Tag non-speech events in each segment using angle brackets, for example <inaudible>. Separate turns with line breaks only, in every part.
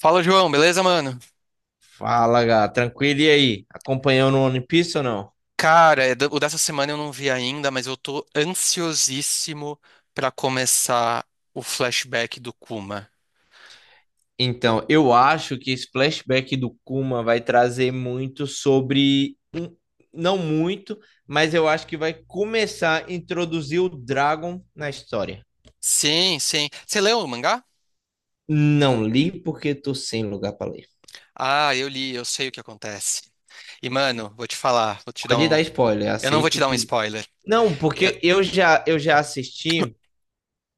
Fala, João, beleza, mano?
Fala, Gá. Tranquilo e aí? Acompanhando o One Piece ou não?
Cara, o dessa semana eu não vi ainda, mas eu tô ansiosíssimo pra começar o flashback do Kuma.
Então, eu acho que esse flashback do Kuma vai trazer muito sobre. Não muito, mas eu acho que vai começar a introduzir o Dragon na história.
Sim. Você leu o mangá?
Não li porque tô sem lugar para ler.
Ah, eu li, eu sei o que acontece. E, mano, vou te falar, vou te dar
Pode
um.
dar spoiler,
Eu não vou te
aceito
dar um
tudo.
spoiler.
Não,
Eu-
porque eu já assisti.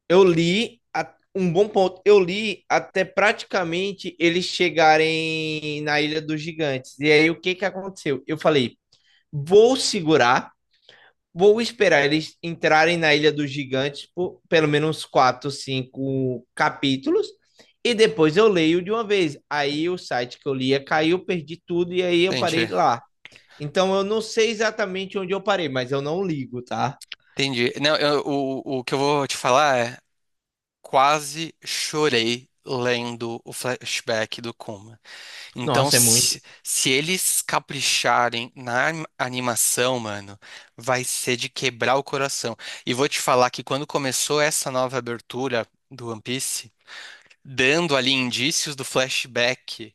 Um bom ponto. Eu li até praticamente eles chegarem na Ilha dos Gigantes. E aí o que que aconteceu? Eu falei, vou segurar, vou esperar eles entrarem na Ilha dos Gigantes por pelo menos quatro, cinco capítulos. E depois eu leio de uma vez. Aí o site que eu lia caiu, perdi tudo e aí eu parei
Entendi,
lá. Então eu não sei exatamente onde eu parei, mas eu não ligo, tá?
entendi. Não, o que eu vou te falar é: quase chorei lendo o flashback do Kuma. Então,
Nossa, é muito.
se eles capricharem na animação, mano, vai ser de quebrar o coração. E vou te falar que quando começou essa nova abertura do One Piece, dando ali indícios do flashback,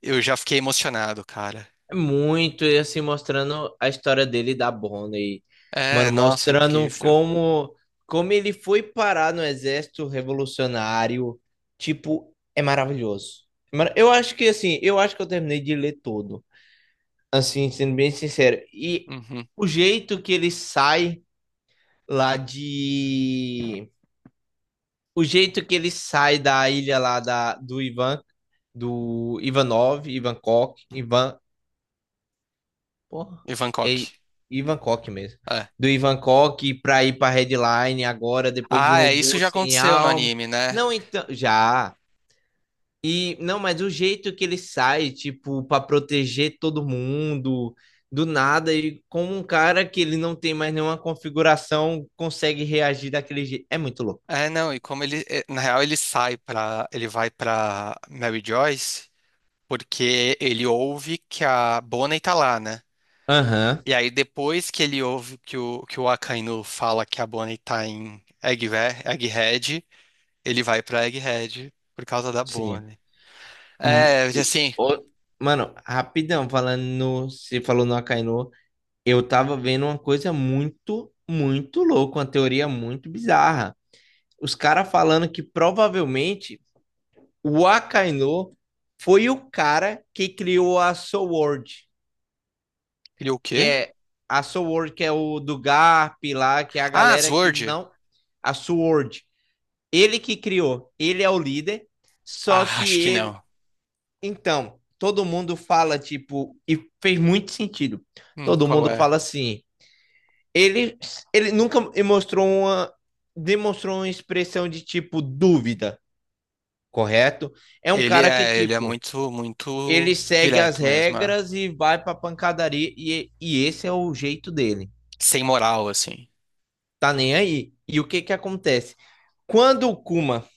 eu já fiquei emocionado, cara.
Muito, e assim, mostrando a história dele e da Bonnie.
É,
Mano,
nossa,
mostrando
incrível.
como ele foi parar no exército revolucionário. Tipo, é maravilhoso. Mano, eu acho que, assim, eu acho que eu terminei de ler todo. Assim, sendo bem sincero. E
Uhum.
o jeito que ele sai lá de... O jeito que ele sai da ilha lá do Ivan, do Ivanov, Ivankov, Ivan, porra.
E Bangkok.
E, Ivan Koch mesmo.
É.
Do Ivan Koch pra ir pra Redline agora, depois de
Ah, é, isso
Robô
já
Sem
aconteceu no
Alma.
anime, né?
Não, então. Já. E, não, mas o jeito que ele sai, tipo, pra proteger todo mundo, do nada, e como um cara que ele não tem mais nenhuma configuração, consegue reagir daquele jeito. É muito louco.
É, não, e como ele, é, na real, ele sai pra, ele vai pra Mary Joyce, porque ele ouve que a Bonnie tá lá, né?
Aham,
E aí depois que ele ouve que o Akainu fala que a Bonnie tá em Egghead, ele vai pra Egghead por causa da
sim.
Bonnie. É,
E,
assim,
ô, mano, rapidão, falando no. Você falou no Akainu. Eu tava vendo uma coisa muito, muito louca, uma teoria muito bizarra. Os caras falando que provavelmente o Akainu foi o cara que criou a Sword,
ele é o
que
quê?
é a Sword, que é o do Garp lá, que é a
Ah,
galera que
Sword.
não. A Sword. Ele que criou, ele é o líder, só
Ah,
que
acho que
ele.
não.
Então, todo mundo fala, tipo, e fez muito sentido. Todo
Qual
mundo
é?
fala assim. Ele, ele nunca mostrou demonstrou uma expressão de tipo dúvida, correto? É um
Ele
cara que,
é, ele é
tipo,
muito,
ele
muito
segue as
direto mesmo, é.
regras e vai pra pancadaria, e esse é o jeito dele.
Sem moral, assim.
Tá nem aí. E o que que acontece? Quando o Kuma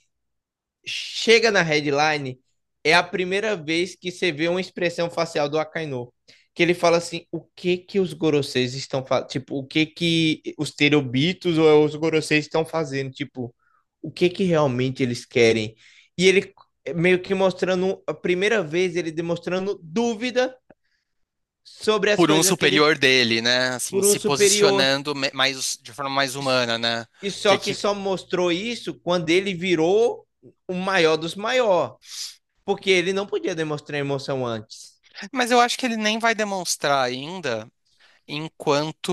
chega na headline, é a primeira vez que você vê uma expressão facial do Akainu. Que ele fala assim: o que que os Goroseis estão fazendo? Tipo, o que que os Terobitos ou os Goroseis estão fazendo? Tipo, o que que realmente eles querem? E ele meio que mostrando, a primeira vez, ele demonstrando dúvida sobre as
Por um
coisas que ele
superior dele, né? Assim,
por um
se
superior.
posicionando mais, de forma mais humana, né?
E
Que
só que só mostrou isso quando ele virou o maior dos maiores. Porque ele não podia demonstrar emoção antes.
mas eu acho que ele nem vai demonstrar ainda enquanto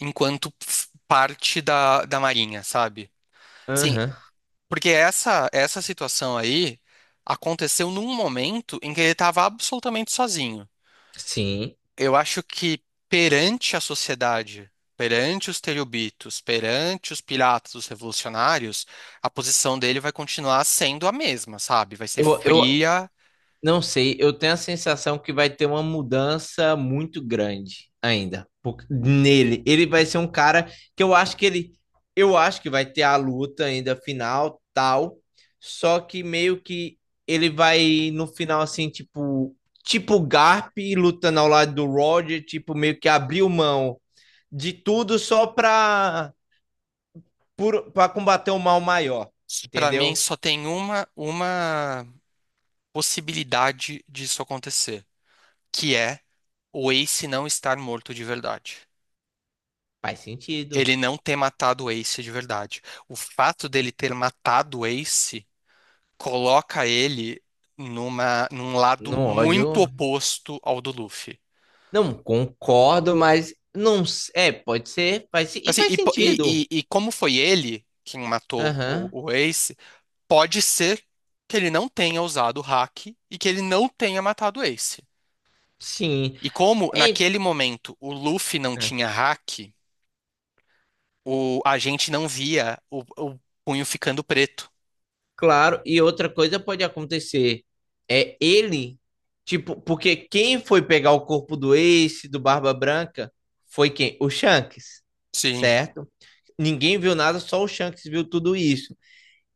parte da, da Marinha, sabe? Assim,
Aham,
porque essa situação aí aconteceu num momento em que ele estava absolutamente sozinho.
sim.
Eu acho que perante a sociedade, perante os terribitos, perante os piratas, os revolucionários, a posição dele vai continuar sendo a mesma, sabe? Vai ser
Eu
fria.
não sei, eu tenho a sensação que vai ter uma mudança muito grande ainda nele. Ele vai ser um cara que eu acho que ele, eu acho que vai ter a luta ainda final, tal, só que meio que ele vai no final assim, tipo, tipo o Garp lutando ao lado do Roger, tipo meio que abriu mão de tudo só pra para combater um mal maior,
Pra mim
entendeu?
só tem uma possibilidade disso acontecer, que é o Ace não estar morto de verdade.
Faz sentido.
Ele não ter matado o Ace de verdade. O fato dele ter matado o Ace coloca ele num lado
No
muito
ódio,
oposto ao do Luffy.
não concordo, mas não é, pode ser,
Assim,
faz
e, po- e- e-
sentido.
e como foi ele quem matou
Aham.
o Ace, pode ser que ele não tenha usado o hack e que ele não tenha matado o Ace.
Sim.
E como
É,
naquele momento o Luffy não
é,
tinha hack, o, a gente não via o punho ficando preto.
claro, e outra coisa pode acontecer é ele, tipo, porque quem foi pegar o corpo do Ace, do Barba Branca, foi quem? O Shanks,
Sim.
certo? Ninguém viu nada, só o Shanks viu tudo isso.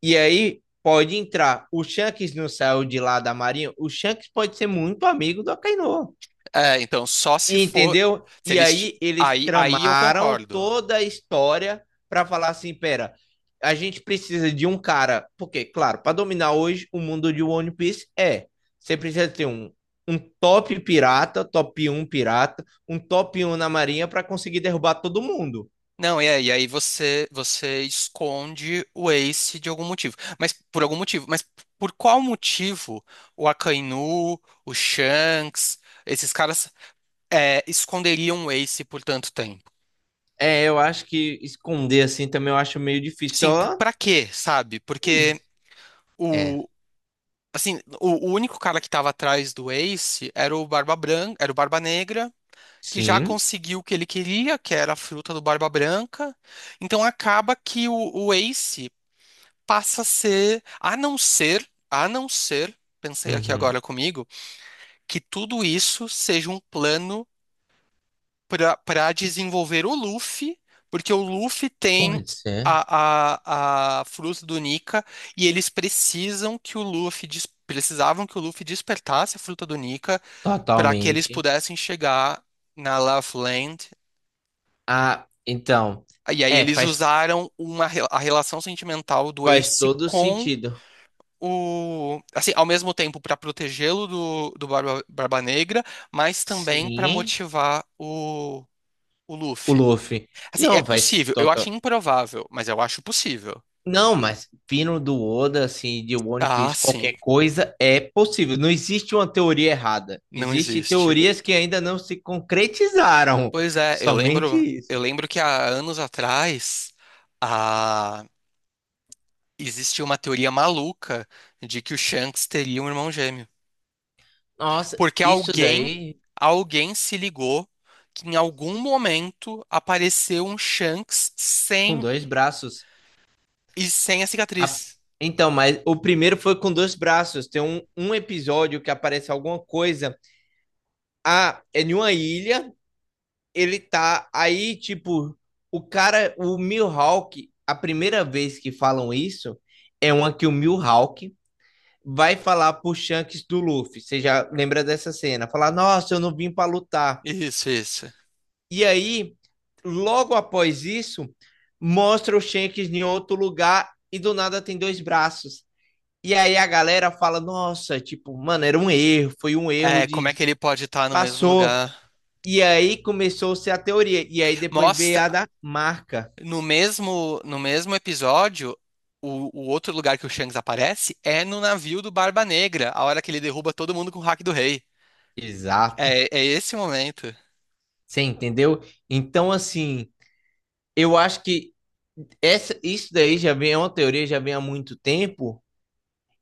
E aí pode entrar. O Shanks não saiu de lá da Marinha. O Shanks pode ser muito amigo do Akainu.
É, então, só se for.
Entendeu?
Se
E
eles. Ti-
aí eles
Aí, aí eu
tramaram
concordo.
toda a história para falar assim, pera, a gente precisa de um cara, porque, claro, para dominar hoje o mundo de One Piece é, você precisa ter um, um top pirata, top um pirata, um top um na marinha para conseguir derrubar todo mundo.
Não, é, e aí você, você esconde o Ace de algum motivo. Mas por algum motivo. Mas por qual motivo o Akainu, o Shanks, esses caras é, esconderiam o Ace por tanto tempo?
É, eu acho que esconder assim também eu acho meio difícil.
Sim,
Só,
pra quê, sabe?
hum,
Porque.
é,
Assim, o único cara que tava atrás do Ace era o Barba Branca, era o Barba Negra, que já
sim,
conseguiu o que ele queria, que era a fruta do Barba Branca. Então acaba que o Ace passa a ser, a não ser, pensei aqui
uhum,
agora comigo, que tudo isso seja um plano para desenvolver o Luffy, porque o Luffy tem
pode ser,
a fruta do Nika e eles precisam que o precisavam que o Luffy despertasse a fruta do Nika para que eles
totalmente.
pudessem chegar na Love Land.
Ah, então,
E aí
é,
eles
faz,
usaram a relação sentimental do
faz
Ace
todo
com
sentido.
o, assim, ao mesmo tempo para protegê-lo do, do Barba, Barba Negra, mas também para
Sim,
motivar o
o
Luffy.
Luffy.
Assim, é
Não, faz
possível. Eu
total.
acho improvável, mas eu acho possível.
Não, mas vindo do Oda, assim, de One
Ah,
Piece,
sim.
qualquer coisa é possível. Não existe uma teoria errada.
Não
Existem
existe.
teorias que ainda não se concretizaram.
Pois
<laughs>
é,
Somente
eu
isso.
lembro que há anos atrás, a... existia uma teoria maluca de que o Shanks teria um irmão gêmeo.
Nossa,
Porque
isso
alguém,
daí
alguém se ligou que em algum momento apareceu um Shanks
com
sem
dois braços.
e sem a
A-
cicatriz.
Então, mas o primeiro foi com dois braços. Tem um episódio que aparece alguma coisa. Ah, é em uma ilha. Ele tá aí, tipo, o cara, o Mihawk, a primeira vez que falam isso é uma que o Mihawk vai falar pro Shanks do Luffy. Você já lembra dessa cena? Falar, nossa, eu não vim pra lutar.
Isso, isso.
E aí, logo após isso, mostra o Shanks em outro lugar e do nada tem dois braços. E aí a galera fala, nossa, tipo, mano, era um erro, foi um erro
É, como é que ele pode estar no mesmo
passou.
lugar?
E aí começou-se a teoria. E aí depois veio
Mostra.
a da marca.
No mesmo, no mesmo episódio, o outro lugar que o Shanks aparece é no navio do Barba Negra, a hora que ele derruba todo mundo com o hack do rei.
Exato.
É, é esse momento.
Você entendeu? Então, assim, eu acho que essa, isso daí já vem, é uma teoria, já vem há muito tempo.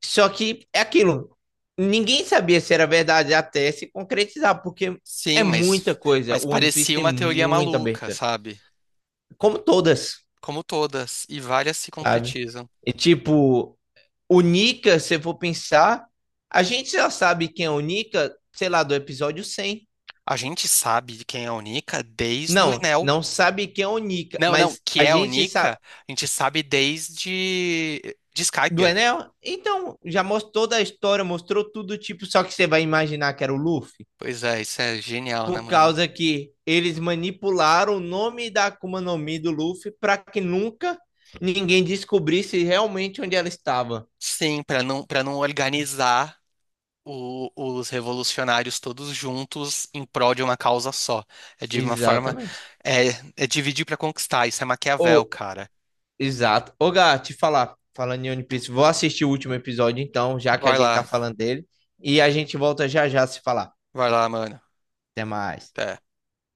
Só que é aquilo. Ninguém sabia se era verdade até se concretizar, porque é
Sim,
muita coisa.
mas
O One Piece
parecia
tem
uma teoria
muita
maluca,
abertura.
sabe?
Como todas,
Como todas, e várias se
sabe?
concretizam.
E tipo. O Nika, se eu for pensar, a gente já sabe quem é o Nika, sei lá, do episódio 100.
A gente sabe de quem é a Nika desde o
Não,
Enel.
não sabe quem é o Nika,
Não, não,
mas
que
a
é a
gente
Nika,
sabe.
a gente sabe desde de
Do
Skypiea.
Enel? Então, já mostrou toda a história, mostrou tudo, tipo, só que você vai imaginar que era o Luffy?
Pois é, isso é genial, né,
Por
mano?
causa que eles manipularam o nome da Akuma no Mi do Luffy para que nunca ninguém descobrisse realmente onde ela estava.
Sim, pra não, para não organizar os revolucionários todos juntos em prol de uma causa só. É de uma forma.
Exatamente.
É, é dividir para conquistar. Isso é Maquiavel,
Ô,
cara.
exato. Ô, Gá, te falar, falando em One Piece, vou assistir o último episódio então, já que a
Vai
gente
lá,
tá falando dele, e a gente volta já já a se falar.
vai lá, mano.
Até mais.
Até.